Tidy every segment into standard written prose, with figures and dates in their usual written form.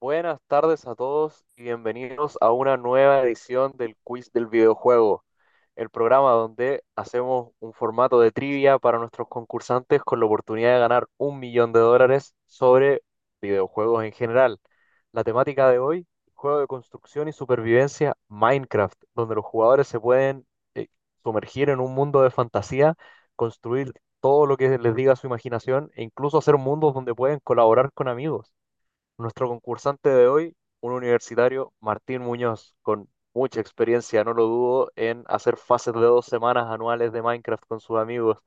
Buenas tardes a todos y bienvenidos a una nueva edición del Quiz del Videojuego, el programa donde hacemos un formato de trivia para nuestros concursantes con la oportunidad de ganar $1 millón sobre videojuegos en general. La temática de hoy, juego de construcción y supervivencia Minecraft, donde los jugadores se pueden eh, sumergir en un mundo de fantasía, construir todo lo que les diga su imaginación e incluso hacer mundos donde pueden colaborar con amigos. Nuestro concursante de hoy, un universitario, Martín Muñoz, con mucha experiencia, no lo dudo, en hacer fases de 2 semanas anuales de Minecraft con sus amigos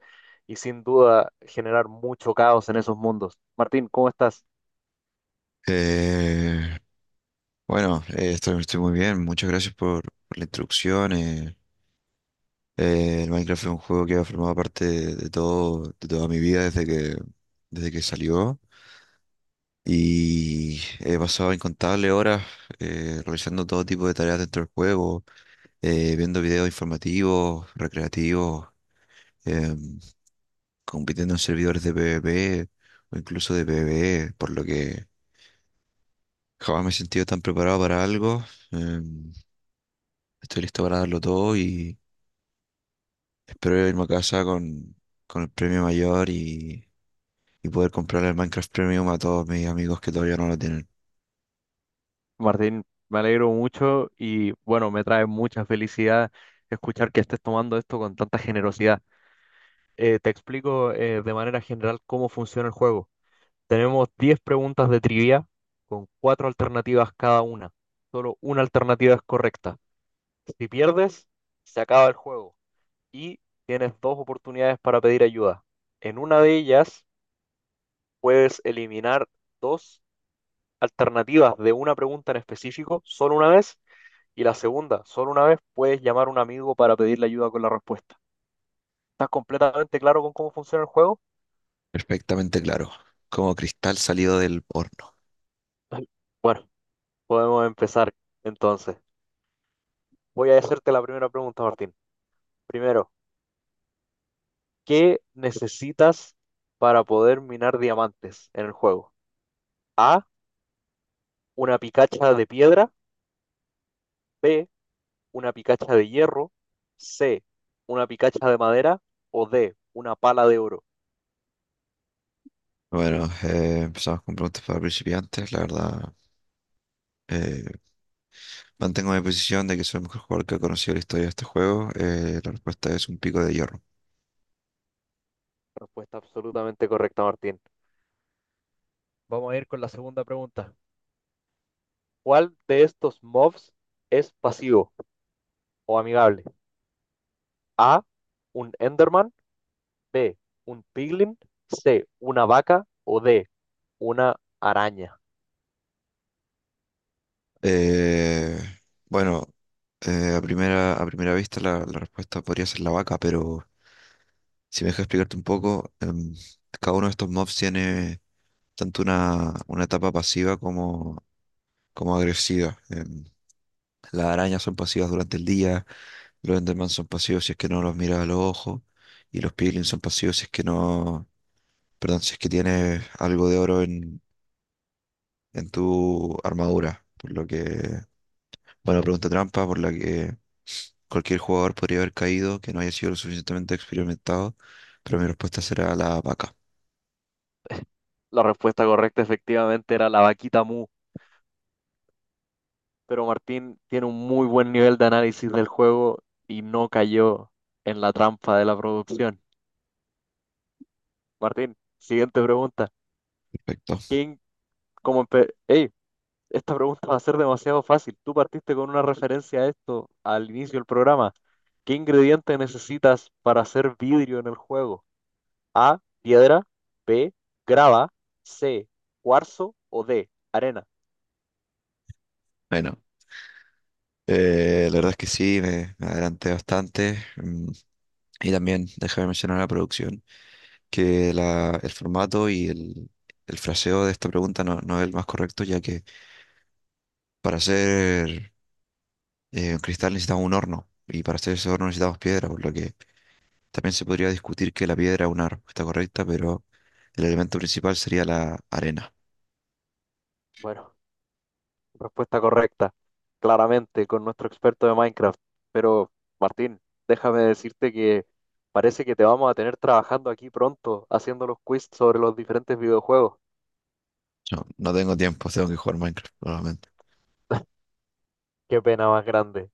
y sin duda generar mucho caos en esos mundos. Martín, ¿cómo estás? Eh, bueno, estoy muy bien. Muchas gracias por la introducción. El Minecraft es un juego que ha formado parte de todo, de toda mi vida desde desde que salió. Y he pasado incontables horas realizando todo tipo de tareas dentro del juego, viendo videos informativos, recreativos, em, compitiendo en servidores de PvP o incluso de PvE, por lo que jamás me he sentido tan preparado para algo. em, Estoy listo para darlo todo y espero irme a casa con el premio mayor y poder comprar el Minecraft Premium a todos mis amigos que todavía no lo tienen. Martín, me alegro mucho y bueno, me trae mucha felicidad escuchar que estés tomando esto con tanta generosidad. Te explico de manera general cómo funciona el juego. Tenemos 10 preguntas de trivia con cuatro alternativas cada una. Solo una alternativa es correcta. Si pierdes, se acaba el juego y tienes dos oportunidades para pedir ayuda. En una de ellas puedes eliminar dos alternativas de una pregunta en específico solo una vez y la segunda solo una vez puedes llamar a un amigo para pedirle ayuda con la respuesta. ¿Estás completamente claro con cómo funciona el juego? Perfectamente claro, como cristal salido del horno. Bueno, podemos empezar entonces. Voy a hacerte la primera pregunta, Martín. Primero, ¿qué necesitas para poder minar diamantes en el juego? A, una picacha de piedra; B, una picacha de hierro; C, una picacha de madera; o D, una pala de oro. Bueno, empezamos con preguntas para principiantes. La verdad, eh, mantengo mi posición de que soy el mejor jugador que ha conocido la historia de este juego. La respuesta es un pico de hierro. Respuesta absolutamente correcta, Martín. Vamos a ir con la segunda pregunta. ¿Cuál de estos mobs es pasivo o amigable? A, un Enderman; B, un Piglin; C, una vaca; o D, una araña. Eh, bueno, a primera vista la respuesta podría ser la vaca, pero si me dejas explicarte un poco, cada uno de estos mobs tiene tanto una etapa pasiva como agresiva. Las arañas son pasivas durante el día, los Enderman son pasivos si es que no los miras a los ojos, y los Piglins son pasivos si es que no, perdón, si es que tienes algo de oro en tu armadura, por lo que bueno, pregunta trampa por la que cualquier jugador podría haber caído que no haya sido lo suficientemente experimentado, pero mi respuesta será la vaca. La respuesta correcta efectivamente era la vaquita Mu, pero Martín tiene un muy buen nivel de análisis del juego y no cayó en la trampa de la producción. Martín, siguiente pregunta. Perfecto. ¿Quién, Ey, esta pregunta va a ser demasiado fácil. Tú partiste con una referencia a esto al inicio del programa. ¿Qué ingrediente necesitas para hacer vidrio en el juego? A, piedra; B, grava; C, cuarzo; o D, arena. Bueno, la verdad es que sí, me adelanté bastante. Y también, déjame mencionar la producción, que el formato y el fraseo de esta pregunta no es el más correcto, ya que para hacer un cristal necesitamos un horno, y para hacer ese horno necesitamos piedra, por lo que también se podría discutir que la piedra es una respuesta correcta, pero el elemento principal sería la arena. Bueno, respuesta correcta, claramente, con nuestro experto de Minecraft. Pero, Martín, déjame decirte que parece que te vamos a tener trabajando aquí pronto, haciendo los quiz sobre los diferentes videojuegos. No, no tengo tiempo, tengo que jugar Minecraft. Qué pena más grande.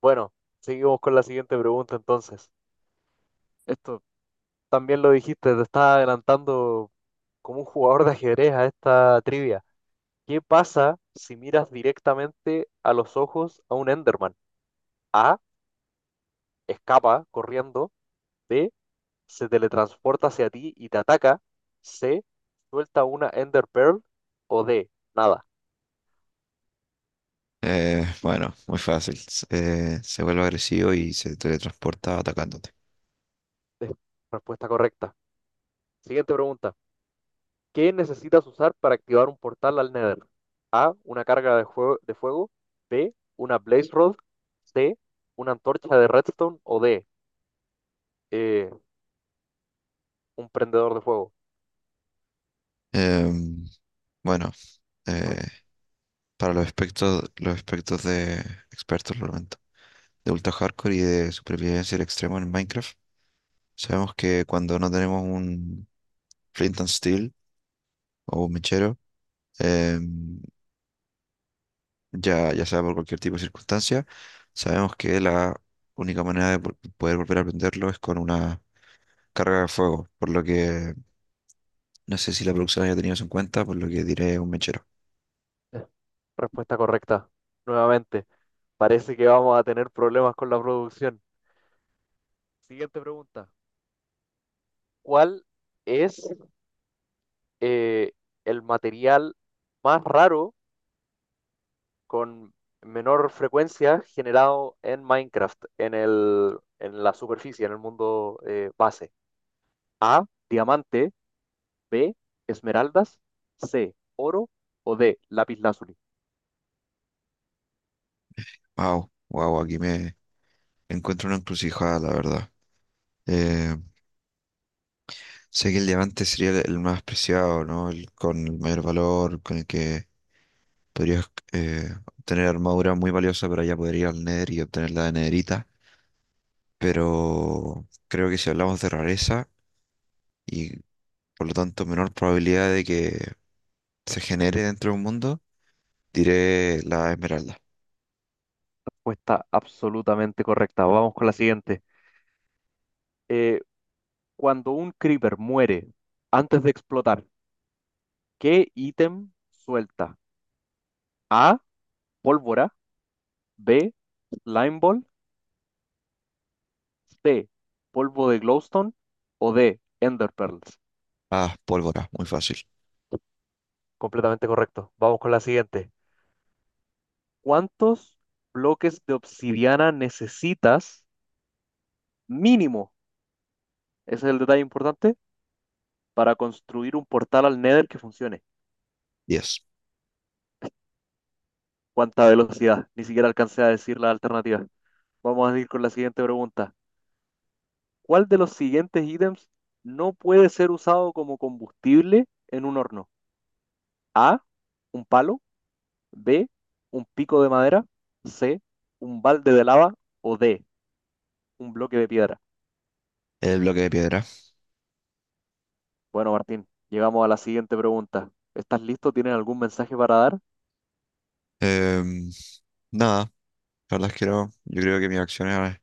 Bueno, seguimos con la siguiente pregunta entonces. Esto también lo dijiste, te estás adelantando como un jugador de ajedrez a esta trivia. ¿Qué pasa si miras directamente a los ojos a un Enderman? A, escapa corriendo; B, se teletransporta hacia ti y te ataca; C, suelta una Ender Pearl; o D, nada. Bueno, muy fácil. Se vuelve agresivo y se teletransporta atacándote. Es respuesta correcta. Siguiente pregunta. ¿Qué necesitas usar para activar un portal al Nether? A, una carga de fuego; B, una Blaze Rod; C, una antorcha de redstone; o D, eh, un prendedor de fuego. Em, bueno, eh, para los aspectos de expertos, lo lamento, de ultra hardcore y de supervivencia al extremo en Minecraft, sabemos que cuando no tenemos un flint and steel o un mechero, em, ya sea por cualquier tipo de circunstancia, sabemos que la única manera de poder volver a aprenderlo es con una carga de fuego, por lo que no sé si la producción haya tenido eso en cuenta, por lo que diré un mechero. Eh, Respuesta correcta. Nuevamente. Parece que vamos a tener problemas con la producción. Siguiente pregunta. ¿Cuál es eh, el material más raro con menor frecuencia generado en Minecraft, en la superficie, en el mundo base? A, diamante; B, esmeraldas; C, oro; o D, lapislázuli. Wow, wow, aquí me encuentro una encrucijada, la verdad. Eh, sé que el diamante sería el más preciado, ¿no? El, con el mayor valor, con el que podrías obtener armadura muy valiosa, pero ya podría ir al Nether y obtener la de Nederita, pero creo que si hablamos de rareza y por lo tanto menor probabilidad de que se genere dentro de un mundo, diré la esmeralda. Respuesta absolutamente correcta. Vamos con la siguiente. Eh, Cuando un creeper muere antes de explotar, ¿qué ítem suelta? A, pólvora; B, slime ball; C, polvo de glowstone; o D, enderpearls. Ah, pólvora, muy fácil. Completamente correcto. Vamos con la siguiente. ¿Cuántos bloques de obsidiana necesitas mínimo? Ese es el detalle importante para construir un portal al Nether que funcione. 10. ¿Cuánta velocidad? Ni siquiera alcancé a decir la alternativa. Vamos a ir con la siguiente pregunta. ¿Cuál de los siguientes ítems no puede ser usado como combustible en un horno? A, un palo; B, un pico de madera; C, un balde de lava; o D, un bloque de piedra. El bloque de piedra. Bueno, Martín, llegamos a la siguiente pregunta. ¿Estás listo? ¿Tienes algún mensaje para dar? Em, nada, la verdad es que no. Yo creo que mis acciones han,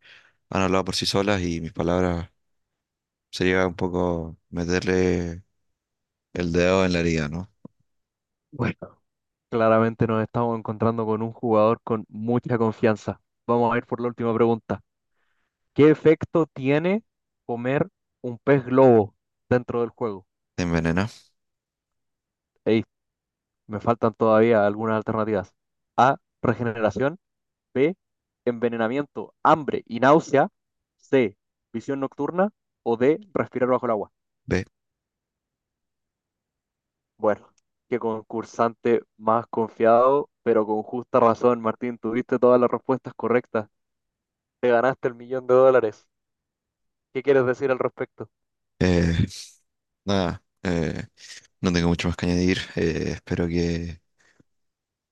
han hablado por sí solas y mis palabras sería un poco meterle el dedo en la herida, ¿no? Bueno, claramente nos estamos encontrando con un jugador con mucha confianza. Vamos a ir por la última pregunta. ¿Qué efecto tiene comer un pez globo dentro del juego? Te envenena. Ey, me faltan todavía algunas alternativas. A, regeneración; B, envenenamiento, hambre y náusea; C, visión nocturna; o D, respirar bajo el agua. Ve. Bueno, qué concursante más confiado, pero con justa razón, Martín, tuviste todas las respuestas correctas. Te ganaste el millón de dólares. ¿Qué quieres decir al respecto? Eh, nada, no tengo mucho más que añadir. Espero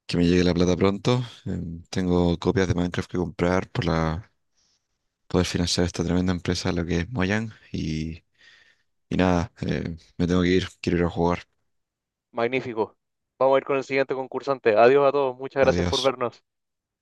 que me llegue la plata pronto. Tengo copias de Minecraft que comprar para poder financiar esta tremenda empresa, lo que es Mojang. Y nada, me tengo que ir, quiero ir a jugar. Magnífico. Vamos a ir con el siguiente concursante. Adiós a todos. Muchas gracias Adiós. por vernos.